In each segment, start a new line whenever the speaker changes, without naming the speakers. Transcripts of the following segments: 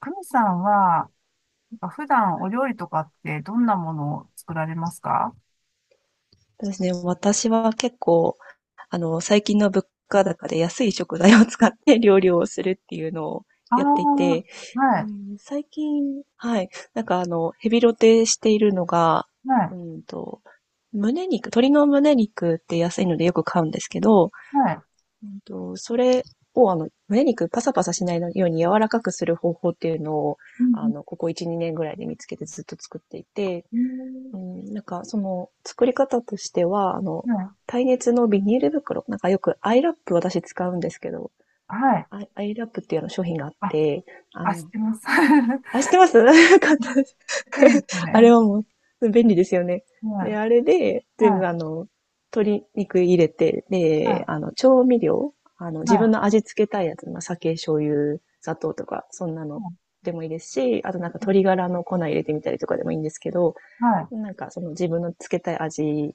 カミさんは、なんか普段お料理とかってどんなものを作られますか？
そうですね。私は結構、最近の物価高で安い食材を使って 料理をするっていうのを
ああ
やっていて、
ー、は
う
い、
ん、最近、はい、なんかヘビロテしているのが、
は
う
い、
んと、胸肉、鶏の胸肉って安いのでよく買うんですけど、
はい。
それを胸肉パサパサしないように柔らかくする方法っていうのを、
うん
ここ1、2年ぐらいで見つけてずっと作っていて、
うん
うん、なんか、その、作り方としては、
えー
耐熱のビニール袋、なんかよくアイラップ私使うんですけど、
はい、
アイラップっていうような商品があっ
はい。あ、
て、あ
あ、知っ
の、
てます。
あ、知ってます。 よかったです。
いいです
あれ
ね。
はもう、便利ですよね。
は
で、
い、
あれで、全
は
部
い、
鶏肉入れて、
は
で、
い、
調味料、
は
自分
い、
の味付けたいやつ、まあ、酒、醤油、砂糖とか、そんなのでもいいですし、あとなんか鶏ガラの粉入れてみたりとかでもいいんですけど、
はい、
なんかその自分のつけたい味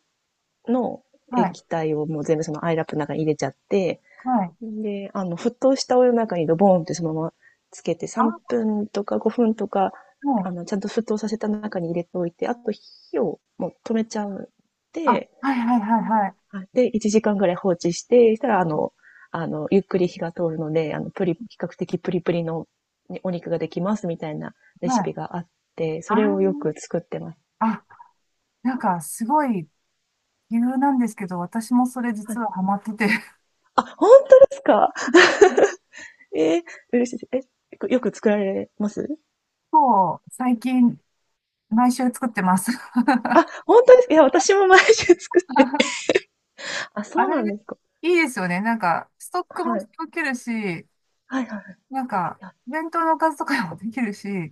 の
はい、
液体をもう全部そのアイラップの中に入れちゃって、
はい。
で、沸騰したお湯の中にドボーンってそのままつけて、
あ、
3
は
分とか5分とか、
い、
ちゃんと沸騰させた中に入れておいて、あと火をもう止めちゃう。
あ、
で、
はい、はい、はい、はい。
はい、で、1時間ぐらい放置して、したらゆっくり火が通るので、比較的プリプリのねお肉ができますみたいなレ
は
シ
い、
ピがあって、
あ
それをよ
ー、
く作ってます。
あ、なんかすごい理由なんですけど、私もそれ
は
実
い。
はハマってて、
あ、本当ですか？ええ、嬉しい。え、よく作られます？
もう最近毎週作ってます。
あ、本当ですか？いや、私も毎週作って。あ、
あ
そう
れ、
なんですか。
いいですよね。なんか、ストックも
はい。
溶けるし、
はいはいはい。
なんか、
いや、
弁当のおかずとかもできるし、は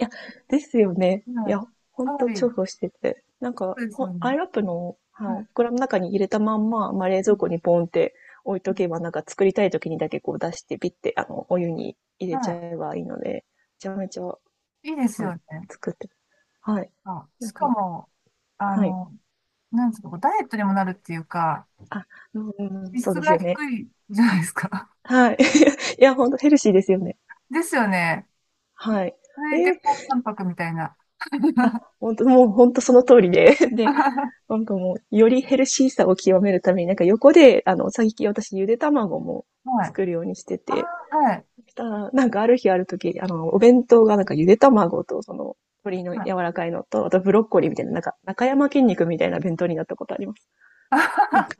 いや、ですよね。
い。
いや、ほん
かな
と重
り、
宝してて。なん
そ
か、
うですよ
ほア
ね。
イラップの、はい、
は
袋の中に入れたまんま、まあ、冷
い。う
蔵
ん
庫にポンって置い
う
と
ん
けば、なんか作りたい時にだけこう出して、ピッて、お湯に入れちゃ
は
えばいいので、めちゃめちゃ、
い。いいです
は
よ
い、
ね。
作って、はい。
あ、
な
し
ん
か
か、
も、あ
はい。
の、なんですか、こうダイエットにもなるっていうか、
あ、うんうんうん、
脂
そう
質
です
が
よね。
低いじゃないですか。
はい。いや、ほんとヘルシーですよね。
ですよね。
はい。
そ
え
いて
え、
高タンパクみたいな。
あ、ほんと、もうほんとその通りで、で、
は
なんかもう、よりヘルシーさを極めるために、なんか横で、最近私ゆで卵も
い。
作るようにして
あ
て、
ーはい。
したら、なんかある日ある時、お弁当がなんかゆで卵とその、鶏の
はい。
柔らかいのと、あとブロッコリーみたいな、なんか、中山筋肉みたいな弁当になったことあります。なんか、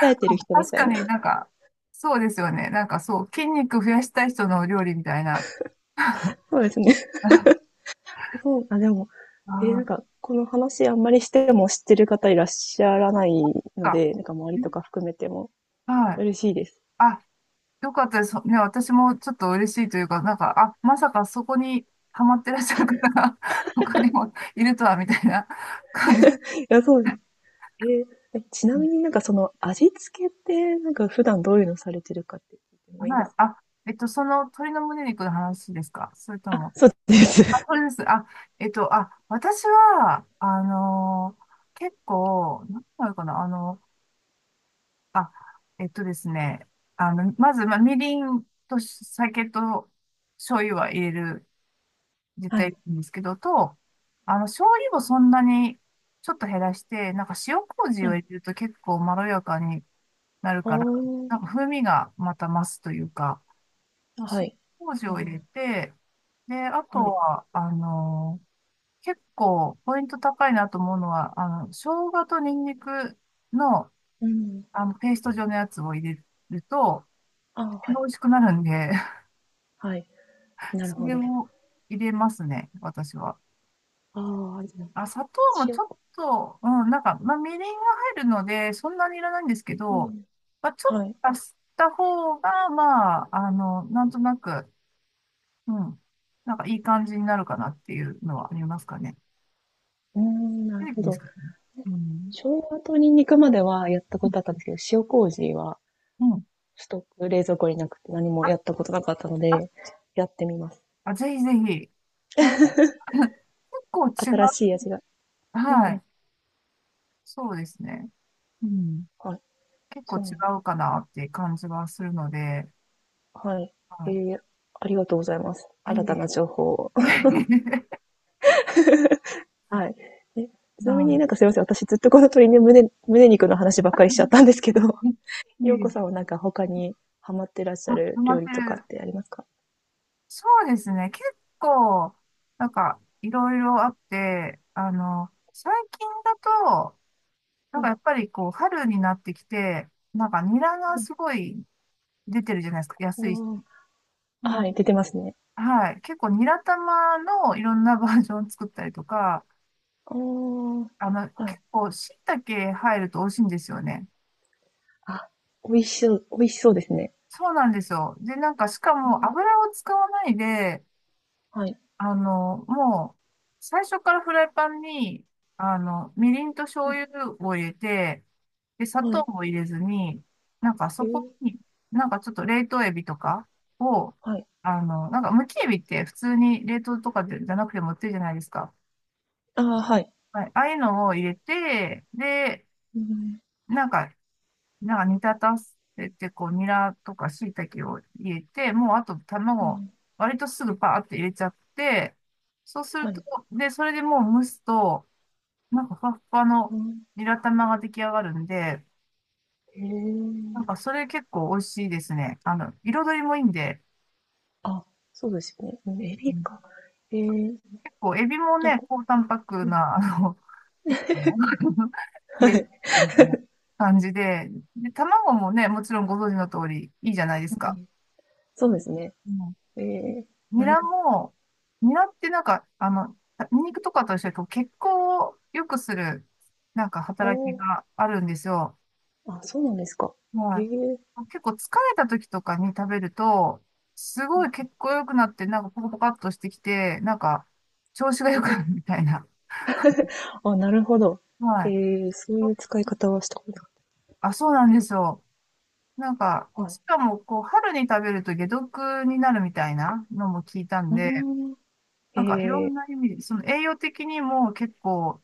鍛
あ、
えてる人み
確
た
か
いな。
になんか、そうですよね。なんかそう、筋肉増やしたい人のお料理みたいな。
そうですね。
あ
そう、あ、でも、なん
あ、
か、この話あんまりしても知ってる方いらっしゃらないの
か。
で、なんか周りとか含めても
はい。
嬉しいです。
あ、よかったです。ね、私もちょっと嬉しいというか、なんか、あ、まさかそこにハマってらっしゃる方が 他にもいるとは、みたいな 感じ。
いや、そうです。えーえちなみになんかその味付けって、なんか普段どういうのされてるかって聞いてもいい
は
で
い。
すか？
あ、その鶏の胸肉の話ですか？それと
あ、
も。
そうで
あ、
す。
それです。あ、あ、私は、結構、何て言うのかな、あ、えっとですね。まず、まあ、みりんと酒と醤油は入れる、絶
は
対
い。
いいんですけど、と、醤油をそんなにちょっと減らして、なんか塩麹
は
を
い。
入れると結構まろやかになる
あ
から、な
ー、
んか風味がまた増すというか、
は
塩
い。
麹
あ
を入れ
ー、
て、で、あと
はい。
は、結構ポイント高いなと思うのは、生姜とニンニクの、
うん。
ペースト状のやつを入れると、
あー、は
美
い。
味しくなるんで、
はい。なる
そ
ほ
れ
ど。
を入れますね、私は。
ああ、じゃありが
あ、砂糖もち
塩。
ょっと、うん、なんか、まあ、みりんが入るので、そんなにいらないんですけ
う
ど、
ん。
まあ、ちょっ
はい。
と足した方が、まあ、なんとなく、うん、なんかいい感じになるかなっていうのはありますかね。
うーん、な
テ
る
レ
ほ
ビです
ど。
けどね。うん。
生姜とニンニクまではやった
う
ことあったんですけど、塩麹は
ん。うん、
ストック、冷蔵庫になくて何もや
あ、
ったことなかったの
あ、
で、やってみます。
あ、ぜひぜひ。なんか 結構違
新しい
う。
味が。うん
は
うん。
い。そうですね。うん。
はい。
結構
そ
違
うなの。
うかなっていう感じはするので、
はい。え
は
ー、ありがとうございます。
い。
新たな情報を。
いえ いえいえ、
はい。え、ち
う
なみにな
ん。
んかすいません。私ずっとこの鳥の胸肉の話ばっかりしちゃったんですけど、
い え
よう
い
こ
え、
さんはなんか他にハマってらっし
あ、
ゃ
ハ
る
マ
料
って
理とかっ
る。
てありますか？
そうですね。結構、なんか、いろいろあって、最近だと、なん
は
か
い。
やっぱりこう、春になってきて、なんかニラがすごい出てるじゃないですか。
う
安い。
ん、おー、
うん、
はい、出てますね。
はい。結構ニラ玉のいろんなバージョン作ったりとか、
あー、はい。
結構椎茸入ると美味しいんですよね。
あ、美味しそうですね。
そうなんですよ。で、なんか、しか
う
も
ん。
油を使わないで、
はい。
もう、最初からフライパンに、みりんと醤油を入れて、で、砂
は
糖
い。
も入れずに、なんか
え
そこ
え、
に、なんかちょっと冷凍エビとかを、
はい。
なんかむきエビって普通に冷凍とかでじゃなくても売ってるじゃないですか。
ああ、はい。
はい。ああいうのを入れて、で、
うん、
なんかなんか煮立たせて、こう、ニラとか椎茸を入れて、もうあと
う
卵、
ん、
割とすぐパーって入れちゃって、そうする
は
と、
い。
で、それでもう蒸すと、なんかふわっふわ
う
の
ん。
ニラ玉が出来上がるんで、
え
なん
ー、
かそれ結構美味しいですね。彩りもいいんで、
あ、そうですよね。うん、
う
エビ
ん、
か。ええ、
結構エビも
なん
ね、
か、
高タンパク
うん、
な、結構、低
はい。
脂みたいな感じで、で、卵もね、もちろんご存知の通りいいじゃないで
う
すか。
ん。そうですね。
うん、
ええ、
ニ
なる
ラも、ニラってなんか、ニンニクとかと一緒にこう血行を良くする、なんか
ほ
働きがあるんですよ。
ああ、あ、そうなんですか。
は
え
い。
え。
結構疲れた時とかに食べると、す
う
ごい血
ん。
行良くなって、なんかポカポカっとしてきて、なんか調子が
え
良くな
ー、
るみたいな。
あ、なるほど。
は
え
い。
え、そういう使い方はしたことな
あ、そうなんですよ。なんか、
い。はい。
しかも、こう、春に食べると解毒になるみたいなのも聞いたん
う
で、
ーん。え
なんかいろん
え、
な意味で、その栄養的にも結構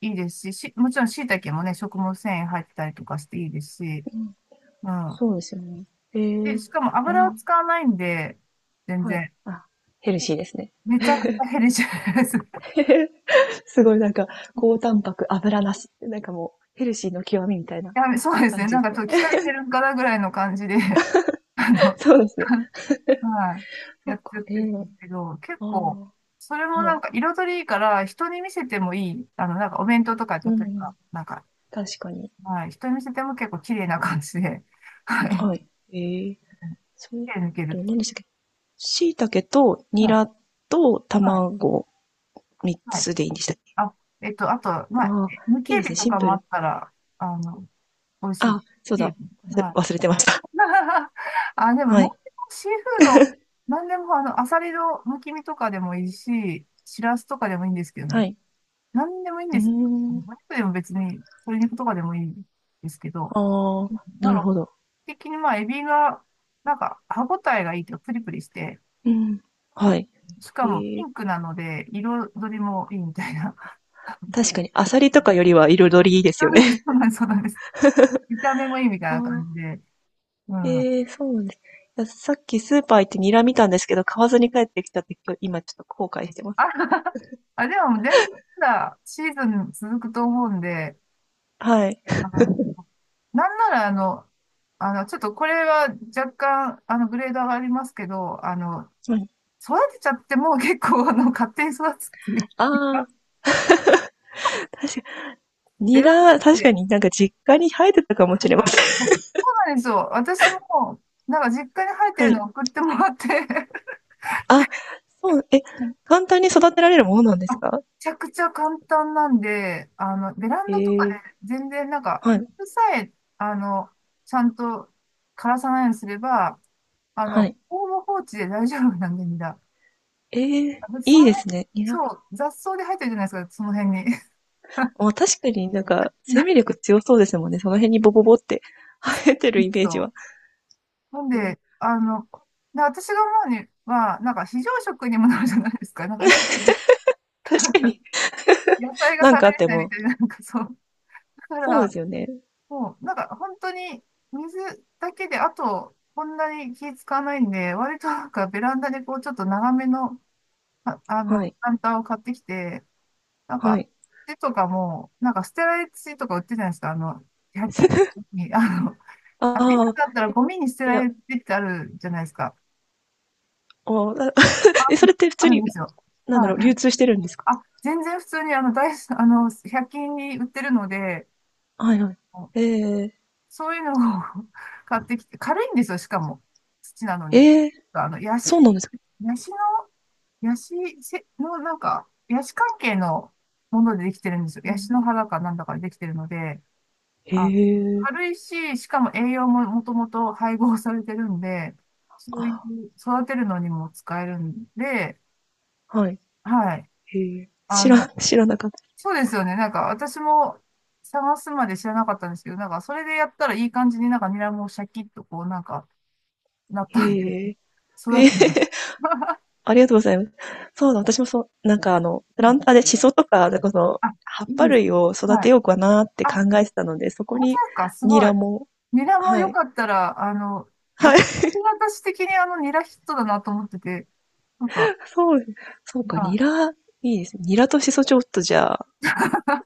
いいですし、もちろん椎茸もね、食物繊維入ってたりとかしていいですし、
うん。
うん。
そうですよね。え
で、
え、
しかも
あ
油を
ん、
使わないんで、全
はい。
然、
あ、ヘルシーですね。
めちゃくちゃヘルシーです。
すごいなんか、高タンパク、油なし。なんかもう、ヘルシーの極みみたいな
そうです
感
ね。
じ
なん
で
か
すね。
ちょっと鍛えてるんかなぐらいの感じで、あ の、
そうですね。
はい、
そ
や
っ
っちゃっ
か、え
てるんで
え、
すけど、結構、
あ
それ
あ、
も
は
な
い。
んか彩りいいから、人に見せてもいい。なんかお弁当とか、例
う
えば、
ん、
なんか、
確かに。
はい、人に見せても結構綺麗な感じで、はい、
はい。ええ、そう、
手抜ける
え、
ってい
何でしたっけ？椎茸と
う。
ニ
はい、
ラと
はい、
卵3
はい。
つでいいんでしたっけ？
あ、あとまあ、
ああ、
無
い
警
いですね。
備と
シン
か
プ
もあ
ル。
ったら、あの、美味しい。
あ、そう
警
だ。
備。はい。
忘れてました。
あ、でも、
は
なん
い。
でもシーフード、なんでも、アサリのむき身とかでもいいし、シラスとかでもいいんですけど
は
ね。
い。
なんでもいいん
う
で
ー
す。お
ん。
肉でも別に、鶏肉とかでもいいですけど、
ああ、
な
な
ん
る
か、
ほど。
基本的にまあ、エビが、なんか、歯ごたえがいいというかプリプリして、
うん。はい。
し
え
かもピ
ー、
ンクなので、彩りもいいみたいな。
確かに、アサリとかよりは彩りいいですよね。
そう なんです、そうなんです。見た目もいいみたいな感じ
あ
で。うん。
ー、
あ、
えー、そうなんです。いや、さっきスーパー行ってニラ見たんですけど、買わずに帰ってきたって、き日今ちょっと後悔してます。
あ、でも全然まだシーズン続くと思うんで、
はい。
あの、なんならちょっとこれは若干、グレード上がりますけど、
うん。
育てちゃってもう結構、勝手に育つっていう
あ
か。
あ、確かに
ベ
ニ
ランダっ
ラ、確
て、
かになんか実家に生えてたかもしれません。
そうなんですよ。私も、なんか実家に生 えて
は
る
い。
のを送ってもらって
あ、そう、え、簡単に育てられるものなんで
あ、
す
め
か？
ちゃくちゃ簡単なんで、ベラン
え
ダとかで
ー、
全然なんか、
はい、
水さえ、あの、ちゃんと枯らさないようにすれば、
はい。
ほぼ放置で大丈夫なんで、みんな。
えー、
あ、だってそ
い
の
いで
辺、
すね、ニラ
そ
か。
う、雑草で生えてるじゃないですか、その辺に。
ま、確かになんか生命力強そうですもんね。その辺にボボボって生えてる イメージ
そ
は。
う。なん
ええ、
で、で私が思うには、なんか非常食にもなる
う
じゃ
ん。
ないですか。なんか、野
確かに。
菜 が
な
食
んか
べ
あっ
れ
て
ないみ
も。
たいな、なんかそう。だか
そうで
ら、
すよね。
そう、なんか本当に水だけで、あと、こんなに気使わないんで、割となんかベランダでこう、ちょっと長めの、あ、
は
プ
い。
ランターを買ってきて、なん
は
か、
い。
土とかも、なんか捨てられ土とか売ってるじゃないですか、100均に、あ、ビ
ああ、
ザだったらゴミに捨て
い
ら
や、
れてってあるじゃないですか。
おな。 え、それって普
あ
通
る
に、
んですよ。
なんだ
は
ろう、流
い。
通してるんですか？
あ、全然普通にあの、大、あの、100均に売ってるので、
はいはい。ええ
そういうのを 買ってきて、軽いんですよ、しかも。土なのに。
えー
ヤシ、
そうなんですか、
ヤシの、ヤシせの、なんか、ヤシ関係のものでできてるんですよ。
う
ヤシ
ん、
の葉だかなんだかでできてるので、
へ
あ、
え。
軽いし、しかも栄養ももともと配合されてるんで、そういう、
あ、
育てるのにも使えるんで、
はい。
はい。
へえ。
あの、
知らなかった。
そうですよね。なんか、私も探すまで知らなかったんですけど、なんか、それでやったらいい感じになんかニラもシャキッとこう、なんか、なったんで、
へえ。
育
ええ。
てます。
ありがとうございます。そうだ、私もそう、なんかプ
う
ラ
ん。
ンターでシソとか、なんかその、
あ、
葉っ
いい
ぱ
です
類
ね。
を育
は
て
い。
ようかなって考
あ、
えてたので、そこ
本当で
に
すか？す
ニ
ごい。
ラも、
ニラも
は
よ
い。
かったら、よ
はい。
く私的にあのニラヒットだなと思ってて、なんか、
そうです、そう
ま
か、ニ
あ、
ラ、いいですね。ニラとシソちょっとじゃあ、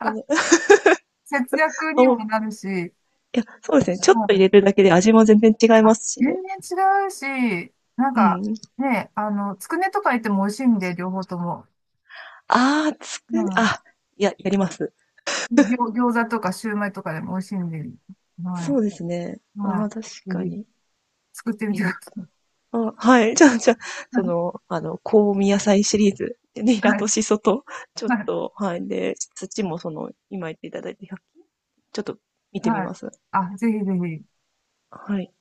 この。
節約
お、
にも
い
なるし、
や、そうですね。ちょっ
ま
と入
あ、
れるだけで味も全然違いま
あ、
すし
全
ね。
然違うし、なん
う
か、
ん。
ね、つくねとか入っても美味しいんで、両方とも。
ああ、つく
う
ね、
ん。
あ、いや、やります。
餃子とかシューマイとかでも美味しいんで、は
そ
い。
うですね。あ
は
あ、確
い。
か
ぜひ、
に。
作ってみ
ニ
てくだ
ラと。
さ
あ、はい。じゃあ、そ
い。
の、香味野菜シリーズ。ニラ
は
と
い、
シソと、ちょっ
はい、
と、はい。で、土もその、今言っていただいて、ひゃく、ちょっと見てみ
はい。
ます。
あ、ぜひぜひ。
はい。